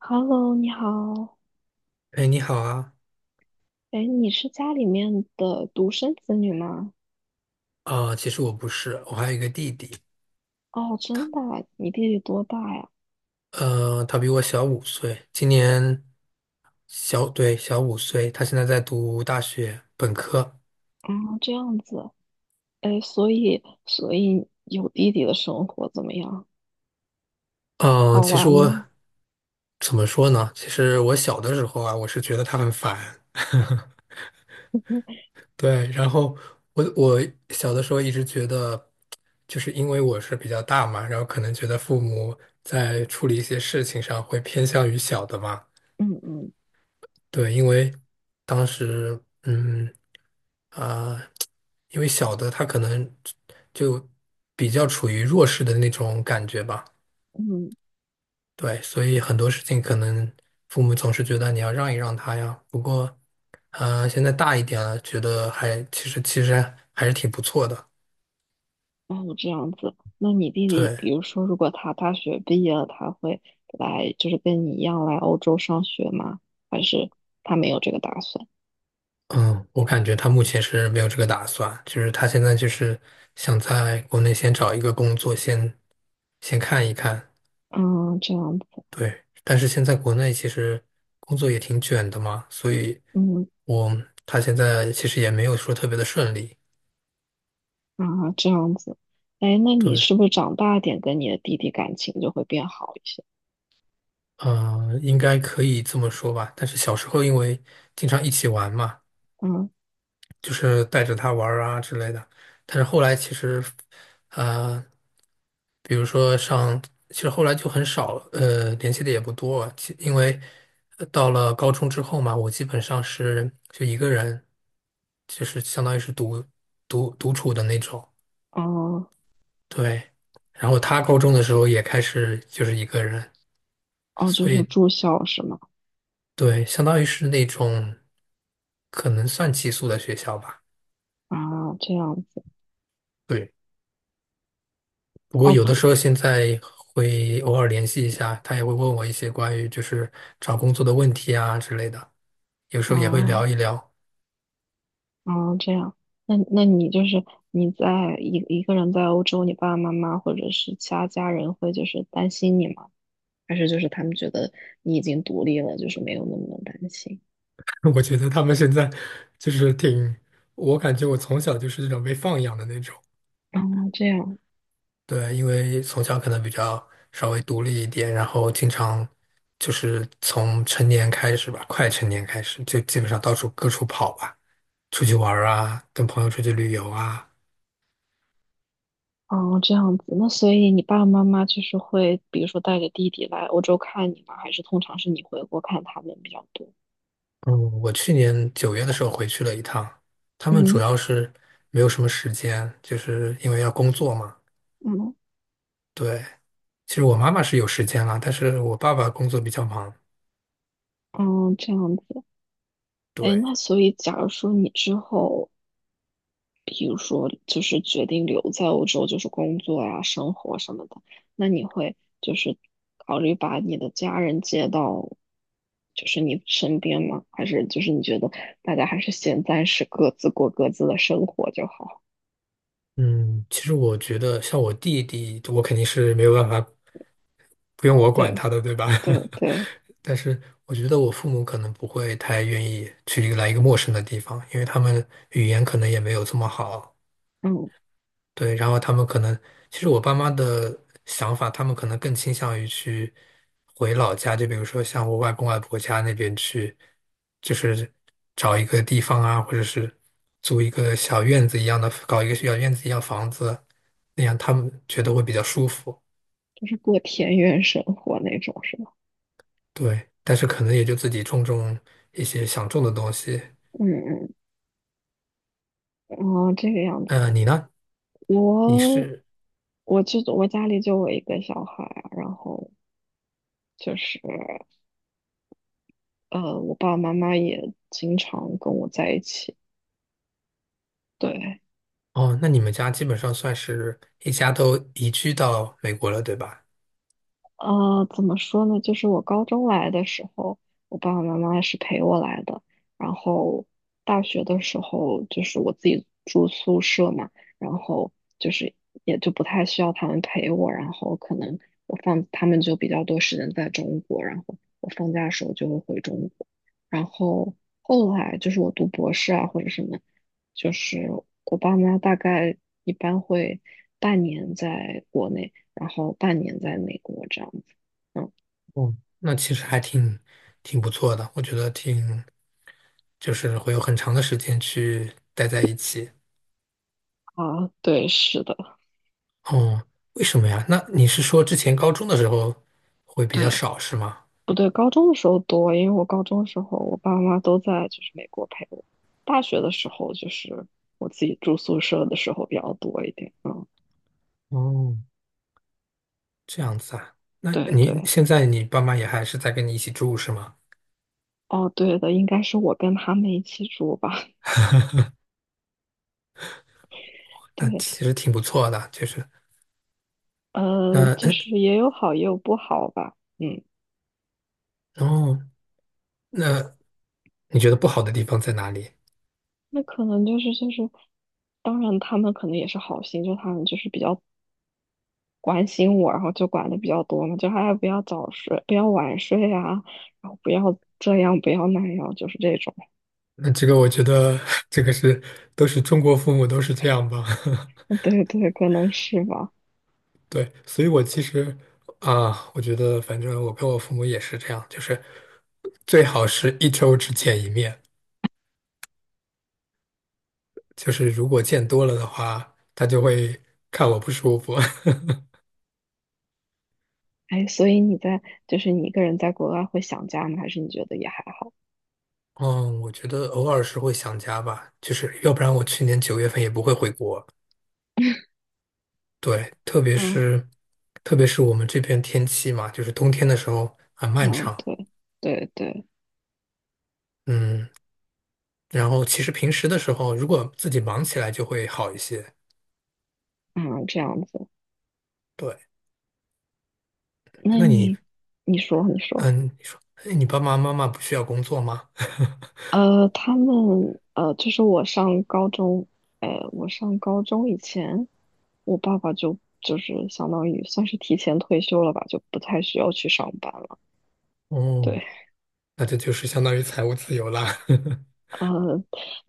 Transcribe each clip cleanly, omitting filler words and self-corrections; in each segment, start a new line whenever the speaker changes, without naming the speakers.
Hello，你好。
哎，你好啊！
哎，你是家里面的独生子女吗？
其实我不是，我还有一个弟弟。
哦，真的啊你弟弟多大呀？
他比我小五岁。今年小，对，小五岁，他现在在读大学本科。
啊，这样子。哎，所以，所以有弟弟的生活怎么样？
嗯、
好
其实
玩
我
吗？
怎么说呢？其实我小的时候啊，我是觉得他很烦。对，然后我小的时候一直觉得，就是因为我是比较大嘛，然后可能觉得父母在处理一些事情上会偏向于小的嘛。
嗯嗯
对，因为当时，嗯，啊、因为小的他可能就比较处于弱势的那种感觉吧。
嗯，
对，所以很多事情可能父母总是觉得你要让一让他呀。不过，现在大一点了，觉得其实还是挺不错的。
哦，这样子。那你弟弟，
对，
比如说，如果他大学毕业了，他会来，就是跟你一样来欧洲上学吗？还是他没有这个打算？
嗯，我感觉他目前是没有这个打算，就是他现在就是想在国内先找一个工作，先看一看。
嗯，这样子。
对，但是现在国内其实工作也挺卷的嘛，所以
嗯。
我他现在其实也没有说特别的顺利。
啊，这样子，哎，那你
对，
是不是长大点跟你的弟弟感情就会变好一些？
嗯、应该可以这么说吧。但是小时候因为经常一起玩嘛，
嗯，
就是带着他玩儿啊之类的。但是后来其实，呃，比如说上，其实后来就很少，联系的也不多啊。因为到了高中之后嘛，我基本上是就一个人，就是相当于是独处的那种。
哦，
对。然后他高中的时候也开始就是一个人，
哦，就
所
是
以
住校是吗？
对，相当于是那种可能算寄宿的学校吧。
啊，这样子，
对。不过
哦
有的
不，
时候现在会偶尔联系一下，他也会问我一些关于就是找工作的问题啊之类的，有时候也会聊
啊，
一聊。
啊，这样，那你就是你在一个人在欧洲，你爸爸妈妈或者是其他家人会就是担心你吗？还是就是他们觉得你已经独立了，就是没有那么的担心？
我觉得他们现在就是挺，我感觉我从小就是这种被放养的那种。
哦，这样。
对，因为从小可能比较稍微独立一点，然后经常就是从成年开始吧，快成年开始就基本上到处各处跑吧，出去玩儿啊，跟朋友出去旅游啊。
哦，这样子，那所以你爸爸妈妈就是会，比如说带着弟弟来欧洲看你吗？还是通常是你回国看他们比较多？
嗯，我去年九月的时候回去了一趟，他们主
嗯
要是没有什么时间，就是因为要工作嘛。
嗯
对，其实我妈妈是有时间啦，但是我爸爸工作比较忙。
嗯，这样子。哎，
对，
那所以假如说你之后，比如说就是决定留在欧洲，就是工作呀、生活什么的，那你会就是考虑把你的家人接到就是你身边吗？还是就是你觉得大家还是先暂时各自过各自的生活就好？
嗯，其实我觉得像我弟弟，我肯定是没有办法，不用我管
对
他的，对吧？
对对。
但是我觉得我父母可能不会太愿意去一个来一个陌生的地方，因为他们语言可能也没有这么好。
嗯，
对，然后他们可能，其实我爸妈的想法，他们可能更倾向于去回老家，就比如说像我外公外婆家那边去，就是找一个地方啊，或者是租一个小院子一样的，搞一个小院子一样房子，那样他们觉得会比较舒服。
就是过田园生活那种是吧？
对，但是可能也就自己种种一些想种的东西。
嗯嗯，哦，这个样子，
你呢？你
我
是，
我就我家里就我一个小孩啊然后就是呃，我爸爸妈妈也经常跟我在一起，对，
哦，那你们家基本上算是一家都移居到美国了，对吧？
呃，怎么说呢？就是我高中来的时候，我爸爸妈妈是陪我来的。然后大学的时候，就是我自己住宿舍嘛，然后就是也就不太需要他们陪我。然后可能我放他们就比较多时间在中国，然后我放假的时候就会回中国。然后后来就是我读博士啊或者什么，就是我爸妈大概一般会半年在国内。然后半年在美国这样子。嗯，
哦，那其实还挺不错的，我觉得就是会有很长的时间去待在一起。
啊，对，是的，
哦，为什么呀？那你是说之前高中的时候会比较
对，
少是吗？
不对，高中的时候多，因为我高中的时候我爸妈都在就是美国陪我，大学的时候就是我自己住宿舍的时候比较多一点，嗯，
哦，这样子啊。那
对
你
对，
现在你爸妈也还是在跟你一起住是吗？
哦，对的，应该是我跟他们一起住吧，
那
对，
其实挺不错的。就是
呃，
那
就
嗯，
是也有好也有不好吧，嗯，
哦，那你觉得不好的地方在哪里？
那可能就是就是，当然他们可能也是好心，就他们就是比较关心我，然后就管的比较多嘛，就哎不要早睡，不要晚睡啊，然后不要这样，不要那样，就是这种。
那这个我觉得 这个是都是中国父母都是这样吧。
对对，可能是吧。
对，所以我其实啊，我觉得反正我跟我父母也是这样，就是最好是一周只见一面，就是如果见多了的话，他就会看我不舒服。
哎，所以你在就是你一个人在国外会想家吗？还是你觉得也还好？
嗯，我觉得偶尔是会想家吧，就是要不然我去年9月份也不会回国。对，特别
嗯
是特别是我们这边天气嘛，就是冬天的时候很漫
嗯，
长。
对对对，
嗯，然后其实平时的时候，如果自己忙起来就会好一些。
嗯，这样子。
对，
那
那你？
你你说你说。
嗯，你说，哎，你爸爸妈妈不需要工作吗？
呃，他们呃，就是我上高中，呃，我上高中以前，我爸爸就是相当于算是提前退休了吧，就不太需要去上班了。
哦，
对，
那这就是相当于财务自由啦。
呃，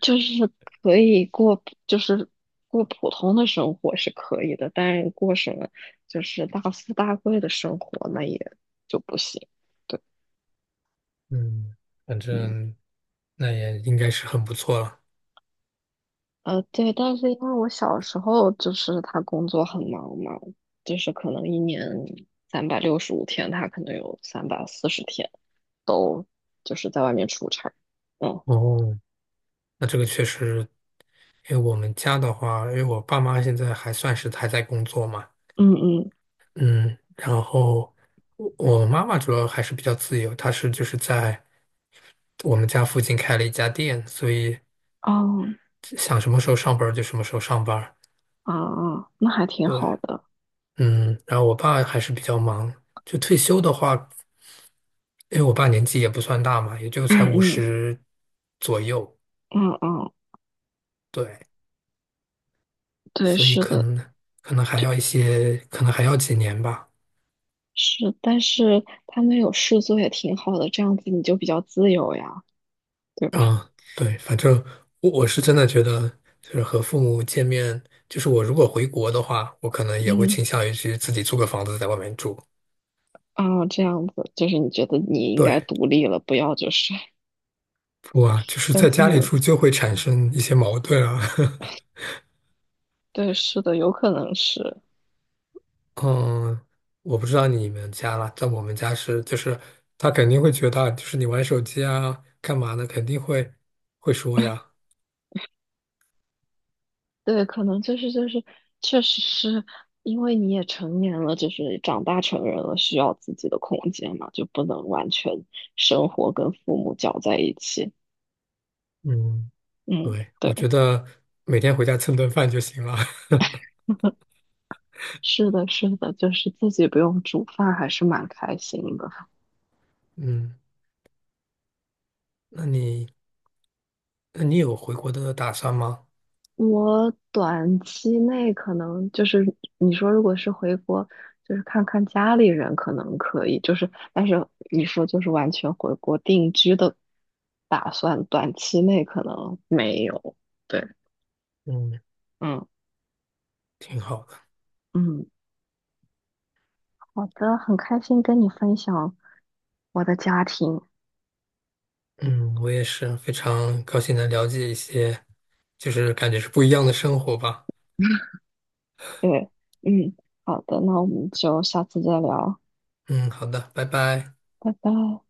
就是可以过，就是过普通的生活是可以的，但是过什么就是大富大贵的生活那也就不行。对，
嗯，反
嗯。
正那也应该是很不错了。
呃，对，但是因为我小时候就是他工作很忙嘛，就是可能一年365天，他可能有340天都就是在外面出差。嗯
哦，那这个确实，因为我们家的话，因为我爸妈现在还算是还在工作嘛。
嗯嗯，
嗯，然后我妈妈主要还是比较自由，她就是在我们家附近开了一家店，所以
哦
想什么时候上班儿就什么时候上班儿。
啊啊，那还挺
对。
好的。
嗯，然后我爸还是比较忙，就退休的话，因为我爸年纪也不算大嘛，也就才
嗯
五
嗯
十左右。
嗯嗯，
对，
对，
所以
是
可
的，
能可能还要一些，可能还要几年吧。
是，但是他们有事做也挺好的，这样子你就比较自由呀，对吧？
嗯，对，反正我是真的觉得，就是和父母见面，就是我如果回国的话，我可能也会
嗯
倾向于去自己租个房子在外面住。
啊，这样子就是你觉得你应该
对，
独立了，不要就是
不啊，就 是
跟
在
父
家里
母
住就会产生一些矛盾啊。
对，是的，有可能是，
嗯，我不知道你们家啦，在我们家是，就是他肯定会觉得，就是你玩手机啊，干嘛呢？肯定会说呀。
对，可能就是就是，确实是因为你也成年了，就是长大成人了，需要自己的空间嘛，就不能完全生活跟父母搅在一起。
嗯，
嗯，
对，我
对，
觉得每天回家蹭顿饭就行了。
是的，是的，就是自己不用煮饭，还是蛮开心的。
嗯，那你那你有回国的打算吗？
我短期内可能就是你说，如果是回国，就是看看家里人，可能可以。就是，但是你说就是完全回国定居的打算，短期内可能没有。对，
嗯，
嗯
挺好的。
嗯，好的，很开心跟你分享我的家庭。
嗯，我也是非常高兴能了解一些，就是感觉是不一样的生活吧。
对，嗯，好的，那我们就下次再聊，
嗯，好的，拜拜。
拜拜。